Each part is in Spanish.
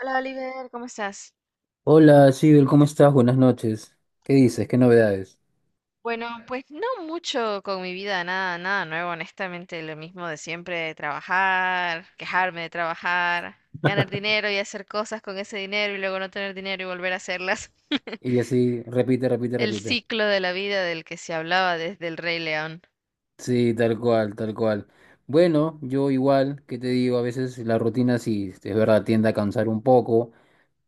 Hola Oliver, ¿cómo estás? Hola, Sigel, ¿cómo estás? Buenas noches. ¿Qué dices? ¿Qué novedades? Bueno, pues no mucho con mi vida, nada, nada nuevo, honestamente, lo mismo de siempre, trabajar, quejarme de trabajar, ganar dinero y hacer cosas con ese dinero y luego no tener dinero y volver a hacerlas. Y así, repite, repite, El repite. ciclo de la vida del que se hablaba desde el Rey León. Sí, tal cual, tal cual. Bueno, yo igual, ¿qué te digo? A veces la rutina sí, es verdad, tiende a cansar un poco,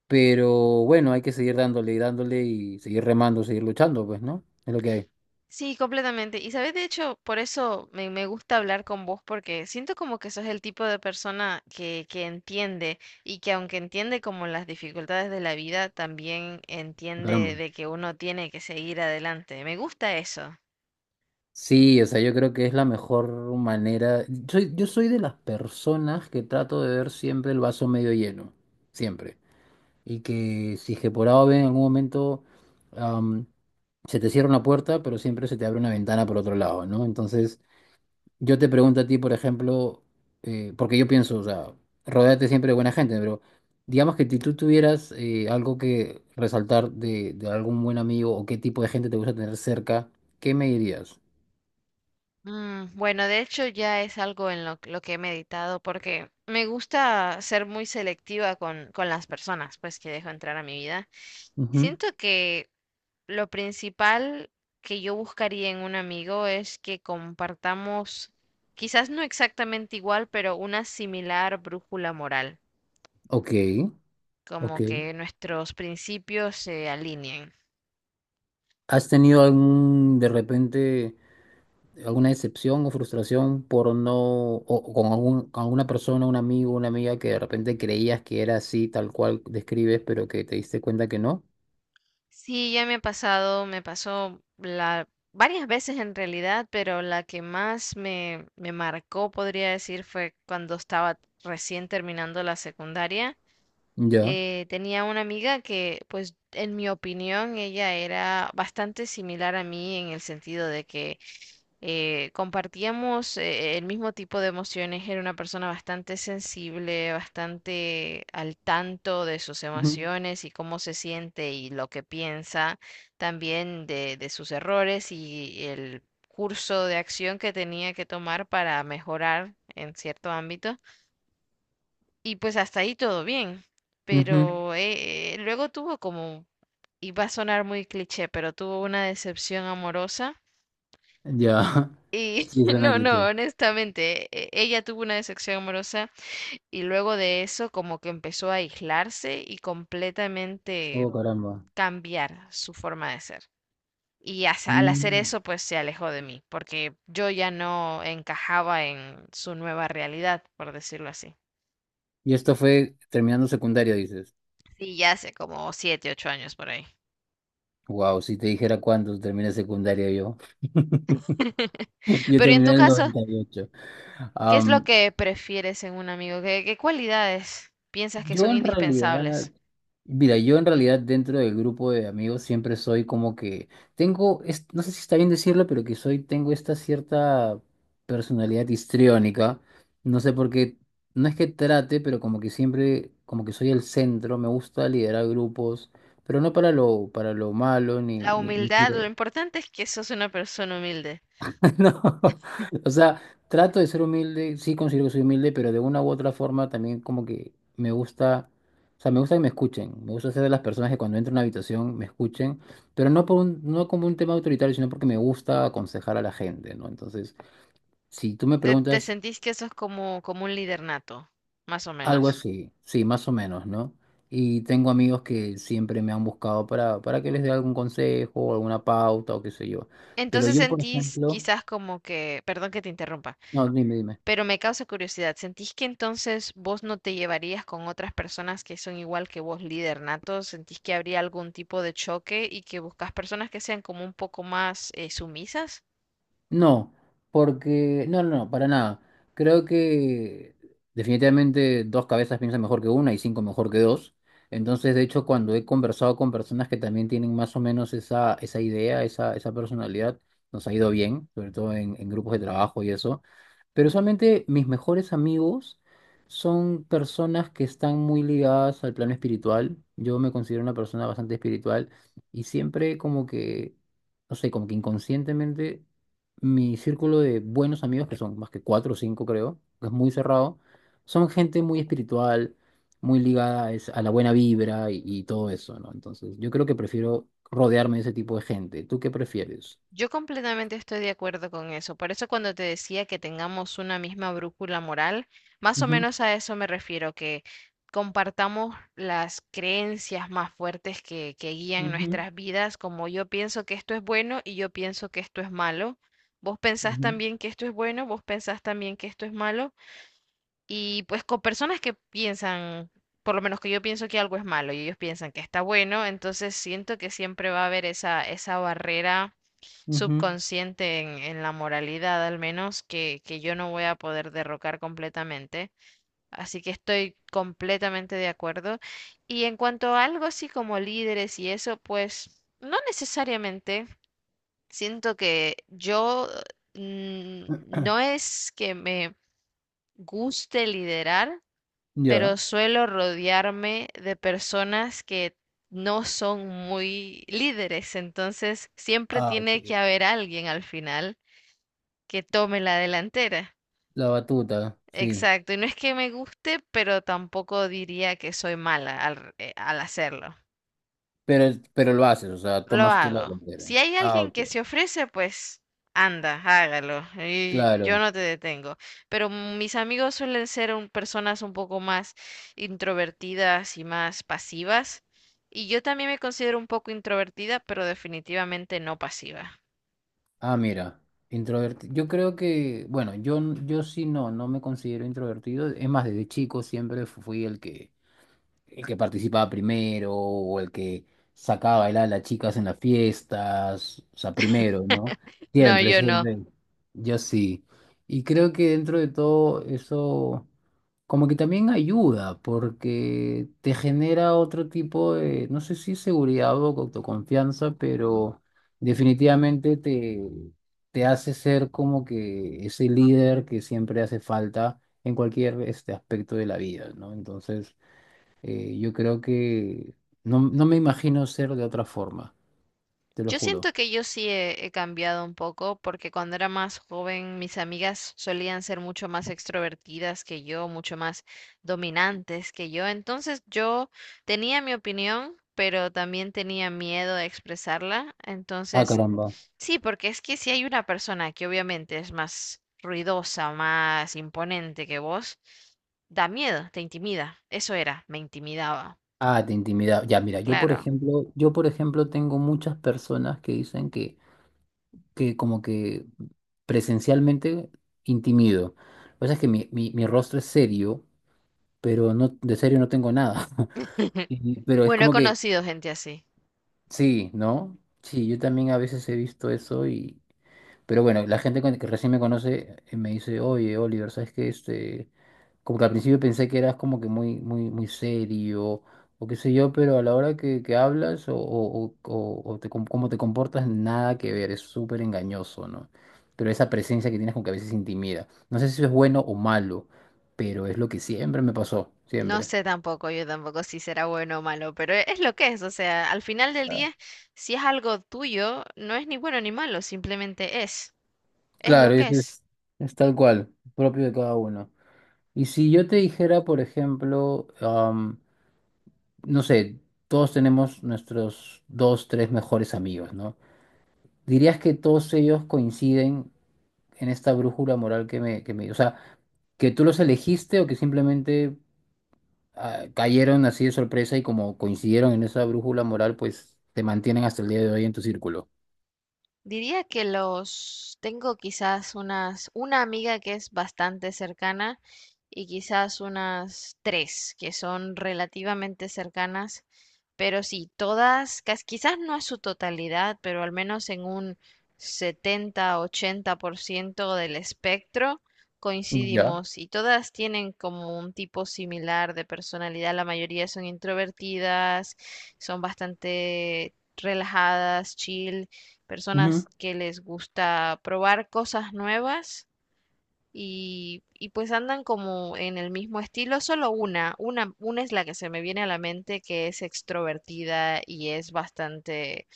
pero bueno, hay que seguir dándole y dándole y seguir remando, seguir luchando, pues, ¿no? Es lo que hay. Sí, completamente. Y sabes, de hecho, por eso me gusta hablar con vos, porque siento como que sos el tipo de persona que entiende y que aunque entiende como las dificultades de la vida, también entiende Caramba. de que uno tiene que seguir adelante. Me gusta eso. Sí, o sea, yo creo que es la mejor manera. Yo soy de las personas que trato de ver siempre el vaso medio lleno, siempre, y que si es que por A o B en algún momento am, se te cierra una puerta, pero siempre se te abre una ventana por otro lado, ¿no? Entonces, yo te pregunto a ti, por ejemplo, porque yo pienso, o sea, rodéate siempre de buena gente, pero digamos que si tú tuvieras algo que resaltar de algún buen amigo o qué tipo de gente te gusta tener cerca, ¿qué me dirías? Bueno, de hecho ya es algo en lo que he meditado porque me gusta ser muy selectiva con las personas, pues que dejo entrar a mi vida. Ujú. Siento que Lo principal que yo buscaría en un amigo es que compartamos, quizás no exactamente igual, pero una similar brújula moral, Ok, ok. como que nuestros principios se alineen. ¿Has tenido algún, de repente, alguna decepción o frustración por no, o con algún, con alguna persona, un amigo, una amiga que de repente creías que era así, tal cual describes, pero que te diste cuenta que no? Sí, ya me ha pasado, me pasó la, varias veces en realidad, pero la que más me marcó, podría decir, fue cuando estaba recién terminando la secundaria. Ya. Tenía una amiga que, pues, en mi opinión, ella era bastante similar a mí en el sentido de que compartíamos el mismo tipo de emociones. Era una persona bastante sensible, bastante al tanto de sus Ujú, emociones y cómo se siente y lo que piensa, también de sus errores y el curso de acción que tenía que tomar para mejorar en cierto ámbito. Y pues hasta ahí todo bien, ujú. pero luego tuvo como, y va a sonar muy cliché, pero tuvo una decepción amorosa. Ya. Y Sí, suena no, no, cliché. honestamente, ella tuvo una decepción amorosa y luego de eso como que empezó a aislarse y completamente Oh, caramba. cambiar su forma de ser. Y al hacer Mm. eso, pues se alejó de mí, porque yo ya no encajaba en su nueva realidad, por decirlo así. Y esto fue terminando secundaria dices. Y ya hace como 7, 8 años por ahí. Wow, si te dijera cuándo terminé secundaria yo. Yo Pero ¿y en tu terminé en el caso, 98. ¿qué es lo Am, que prefieres en un amigo? ¿Qué cualidades piensas que Yo son en indispensables? realidad, mira, yo en realidad dentro del grupo de amigos siempre soy como que tengo, no sé si está bien decirlo, pero que soy, tengo esta cierta personalidad histriónica. No sé por qué, no es que trate, pero como que siempre, como que soy el centro, me gusta liderar grupos, pero no para lo, para lo malo, ni, La ni, ni humildad, lo quiero- importante es que sos una persona humilde. no, o sea, trato de ser humilde, sí considero que soy humilde, pero de una u otra forma también como que me gusta, o sea, me gusta que me escuchen, me gusta ser de las personas que cuando entro a una habitación me escuchen, pero no por un, no como un tema autoritario, sino porque me gusta aconsejar a la gente, ¿no? Entonces, si tú me Te preguntas sentís que sos como, como un líder nato, más o algo menos. así, sí, más o menos, ¿no? Y tengo amigos que siempre me han buscado para que les dé algún consejo, alguna pauta o qué sé yo. Pero Entonces yo, por sentís ejemplo, quizás como que, perdón que te interrumpa, no, dime, dime. pero me causa curiosidad, ¿sentís que entonces vos no te llevarías con otras personas que son igual que vos, líder nato? ¿Sentís que habría algún tipo de choque y que buscas personas que sean como un poco más sumisas? No, porque no, no, no, para nada. Creo que definitivamente dos cabezas piensan mejor que una y cinco mejor que dos. Entonces, de hecho, cuando he conversado con personas que también tienen más o menos esa, esa idea, esa personalidad, nos ha ido bien, sobre todo en grupos de trabajo y eso. Pero usualmente mis mejores amigos son personas que están muy ligadas al plano espiritual. Yo me considero una persona bastante espiritual y siempre como que, no sé, como que inconscientemente mi círculo de buenos amigos, que son más que cuatro o cinco, creo, que es muy cerrado, son gente muy espiritual, muy ligada a la buena vibra y todo eso, ¿no? Entonces, yo creo que prefiero rodearme de ese tipo de gente. ¿Tú qué prefieres? Yo completamente estoy de acuerdo con eso. Por eso cuando te decía que tengamos una misma brújula moral, más o Ujú, menos a eso me refiero, que compartamos las creencias más fuertes que guían ujú, nuestras vidas, como yo pienso que esto es bueno y yo pienso que esto es malo. Vos pensás ujú, también que esto es bueno, vos pensás también que esto es malo. Y pues con personas que piensan, por lo menos que yo pienso que algo es malo y ellos piensan que está bueno, entonces siento que siempre va a haber esa, esa barrera ujú. subconsciente en la moralidad, al menos que yo no voy a poder derrocar completamente. Así que estoy completamente de acuerdo. Y en cuanto a algo así como líderes y eso, pues no necesariamente. Siento que yo no es que me guste liderar, pero Ya. suelo rodearme de personas que no son muy líderes, entonces siempre Ah, ok. tiene que haber alguien al final que tome la delantera. La batuta, sí. Exacto, y no es que me guste, pero tampoco diría que soy mala al hacerlo. Pero, pero lo haces, o sea, Lo tomas tú la hago. delantera. Si hay Ah, alguien ok. que se ofrece, pues anda, hágalo. Y yo Claro. no te detengo. Pero mis amigos suelen ser personas un poco más introvertidas y más pasivas. Y yo también me considero un poco introvertida, pero definitivamente no pasiva. Ah, mira, introvertido. Yo creo que, bueno, yo, yo sí no, no me considero introvertido. Es más, desde chico siempre fui el que participaba primero o el que sacaba a bailar a las chicas en las fiestas, o sea, primero, ¿no? No, Siempre, yo no. siempre. Yo sí. Y creo que dentro de todo eso como que también ayuda porque te genera otro tipo de, no sé si seguridad o autoconfianza, pero definitivamente te, te hace ser como que ese líder que siempre hace falta en cualquier este aspecto de la vida, ¿no? Entonces... yo creo que no, no me imagino ser de otra forma, te lo Yo juro. siento que yo sí he cambiado un poco porque cuando era más joven mis amigas solían ser mucho más extrovertidas que yo, mucho más dominantes que yo. Entonces yo tenía mi opinión, pero también tenía miedo de expresarla. Ah, Entonces, caramba. sí, porque es que si hay una persona que obviamente es más ruidosa, más imponente que vos, da miedo, te intimida. Eso era, me intimidaba, Ah, te intimida. Ya, mira, claro. Yo por ejemplo tengo muchas personas que dicen que como que presencialmente intimido. Lo que pasa es que mi rostro es serio, pero no, de serio no tengo nada. Y- Pero es Bueno, he como que, conocido gente así. sí, ¿no? Sí, yo también a veces he visto eso. Pero bueno, la gente que recién me conoce me dice, oye, Oliver, ¿sabes qué? Este, como que al principio pensé que eras como que muy, muy, muy serio o qué sé yo, pero a la hora que hablas o o te cómo te comportas, nada que ver, es súper engañoso, ¿no? Pero esa presencia que tienes como que a veces intimida. No sé si eso es bueno o malo, pero es lo que siempre me pasó, No siempre. sé tampoco, yo tampoco si será bueno o malo, pero es lo que es, o sea, al final del Ah, día, si es algo tuyo, no es ni bueno ni malo, simplemente es lo claro, que eso es. Es tal cual, propio de cada uno. Y si yo te dijera, por ejemplo, no sé, todos tenemos nuestros dos, tres mejores amigos, ¿no? ¿Dirías que todos ellos coinciden en esta brújula moral que me, o sea, que tú los elegiste o que simplemente ah, cayeron así de sorpresa y como coincidieron en esa brújula moral, pues te mantienen hasta el día de hoy en tu círculo? Diría que los tengo quizás unas, una amiga que es bastante cercana y quizás unas tres que son relativamente cercanas, pero sí, todas, quizás no a su totalidad, pero al menos en un 70 80% del espectro Ya. coincidimos y todas tienen como un tipo similar de personalidad. La mayoría son introvertidas, son bastante relajadas, chill Ujú. personas que les gusta probar cosas nuevas y pues andan como en el mismo estilo, solo una es la que se me viene a la mente que es extrovertida y es bastante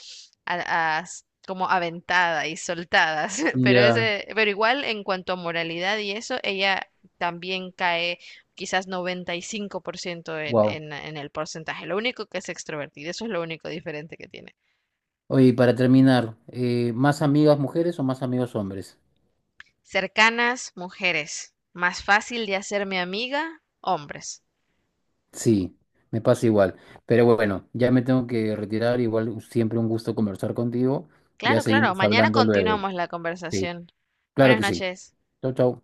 como aventada y soltada, pero Ya. ese, pero igual en cuanto a moralidad y eso, ella también cae quizás 95% en, Wow. en el porcentaje. Lo único que es extrovertida, eso es lo único diferente que tiene. Oye, y para terminar, ¿más amigas mujeres o más amigos hombres? Cercanas, mujeres. Más fácil de hacerme amiga, hombres. Sí, me pasa igual. Pero bueno, ya me tengo que retirar. Igual siempre un gusto conversar contigo. Ya Claro, claro. seguimos Mañana hablando luego. continuamos la Sí, conversación. claro Buenas que sí. noches. Chau, chau.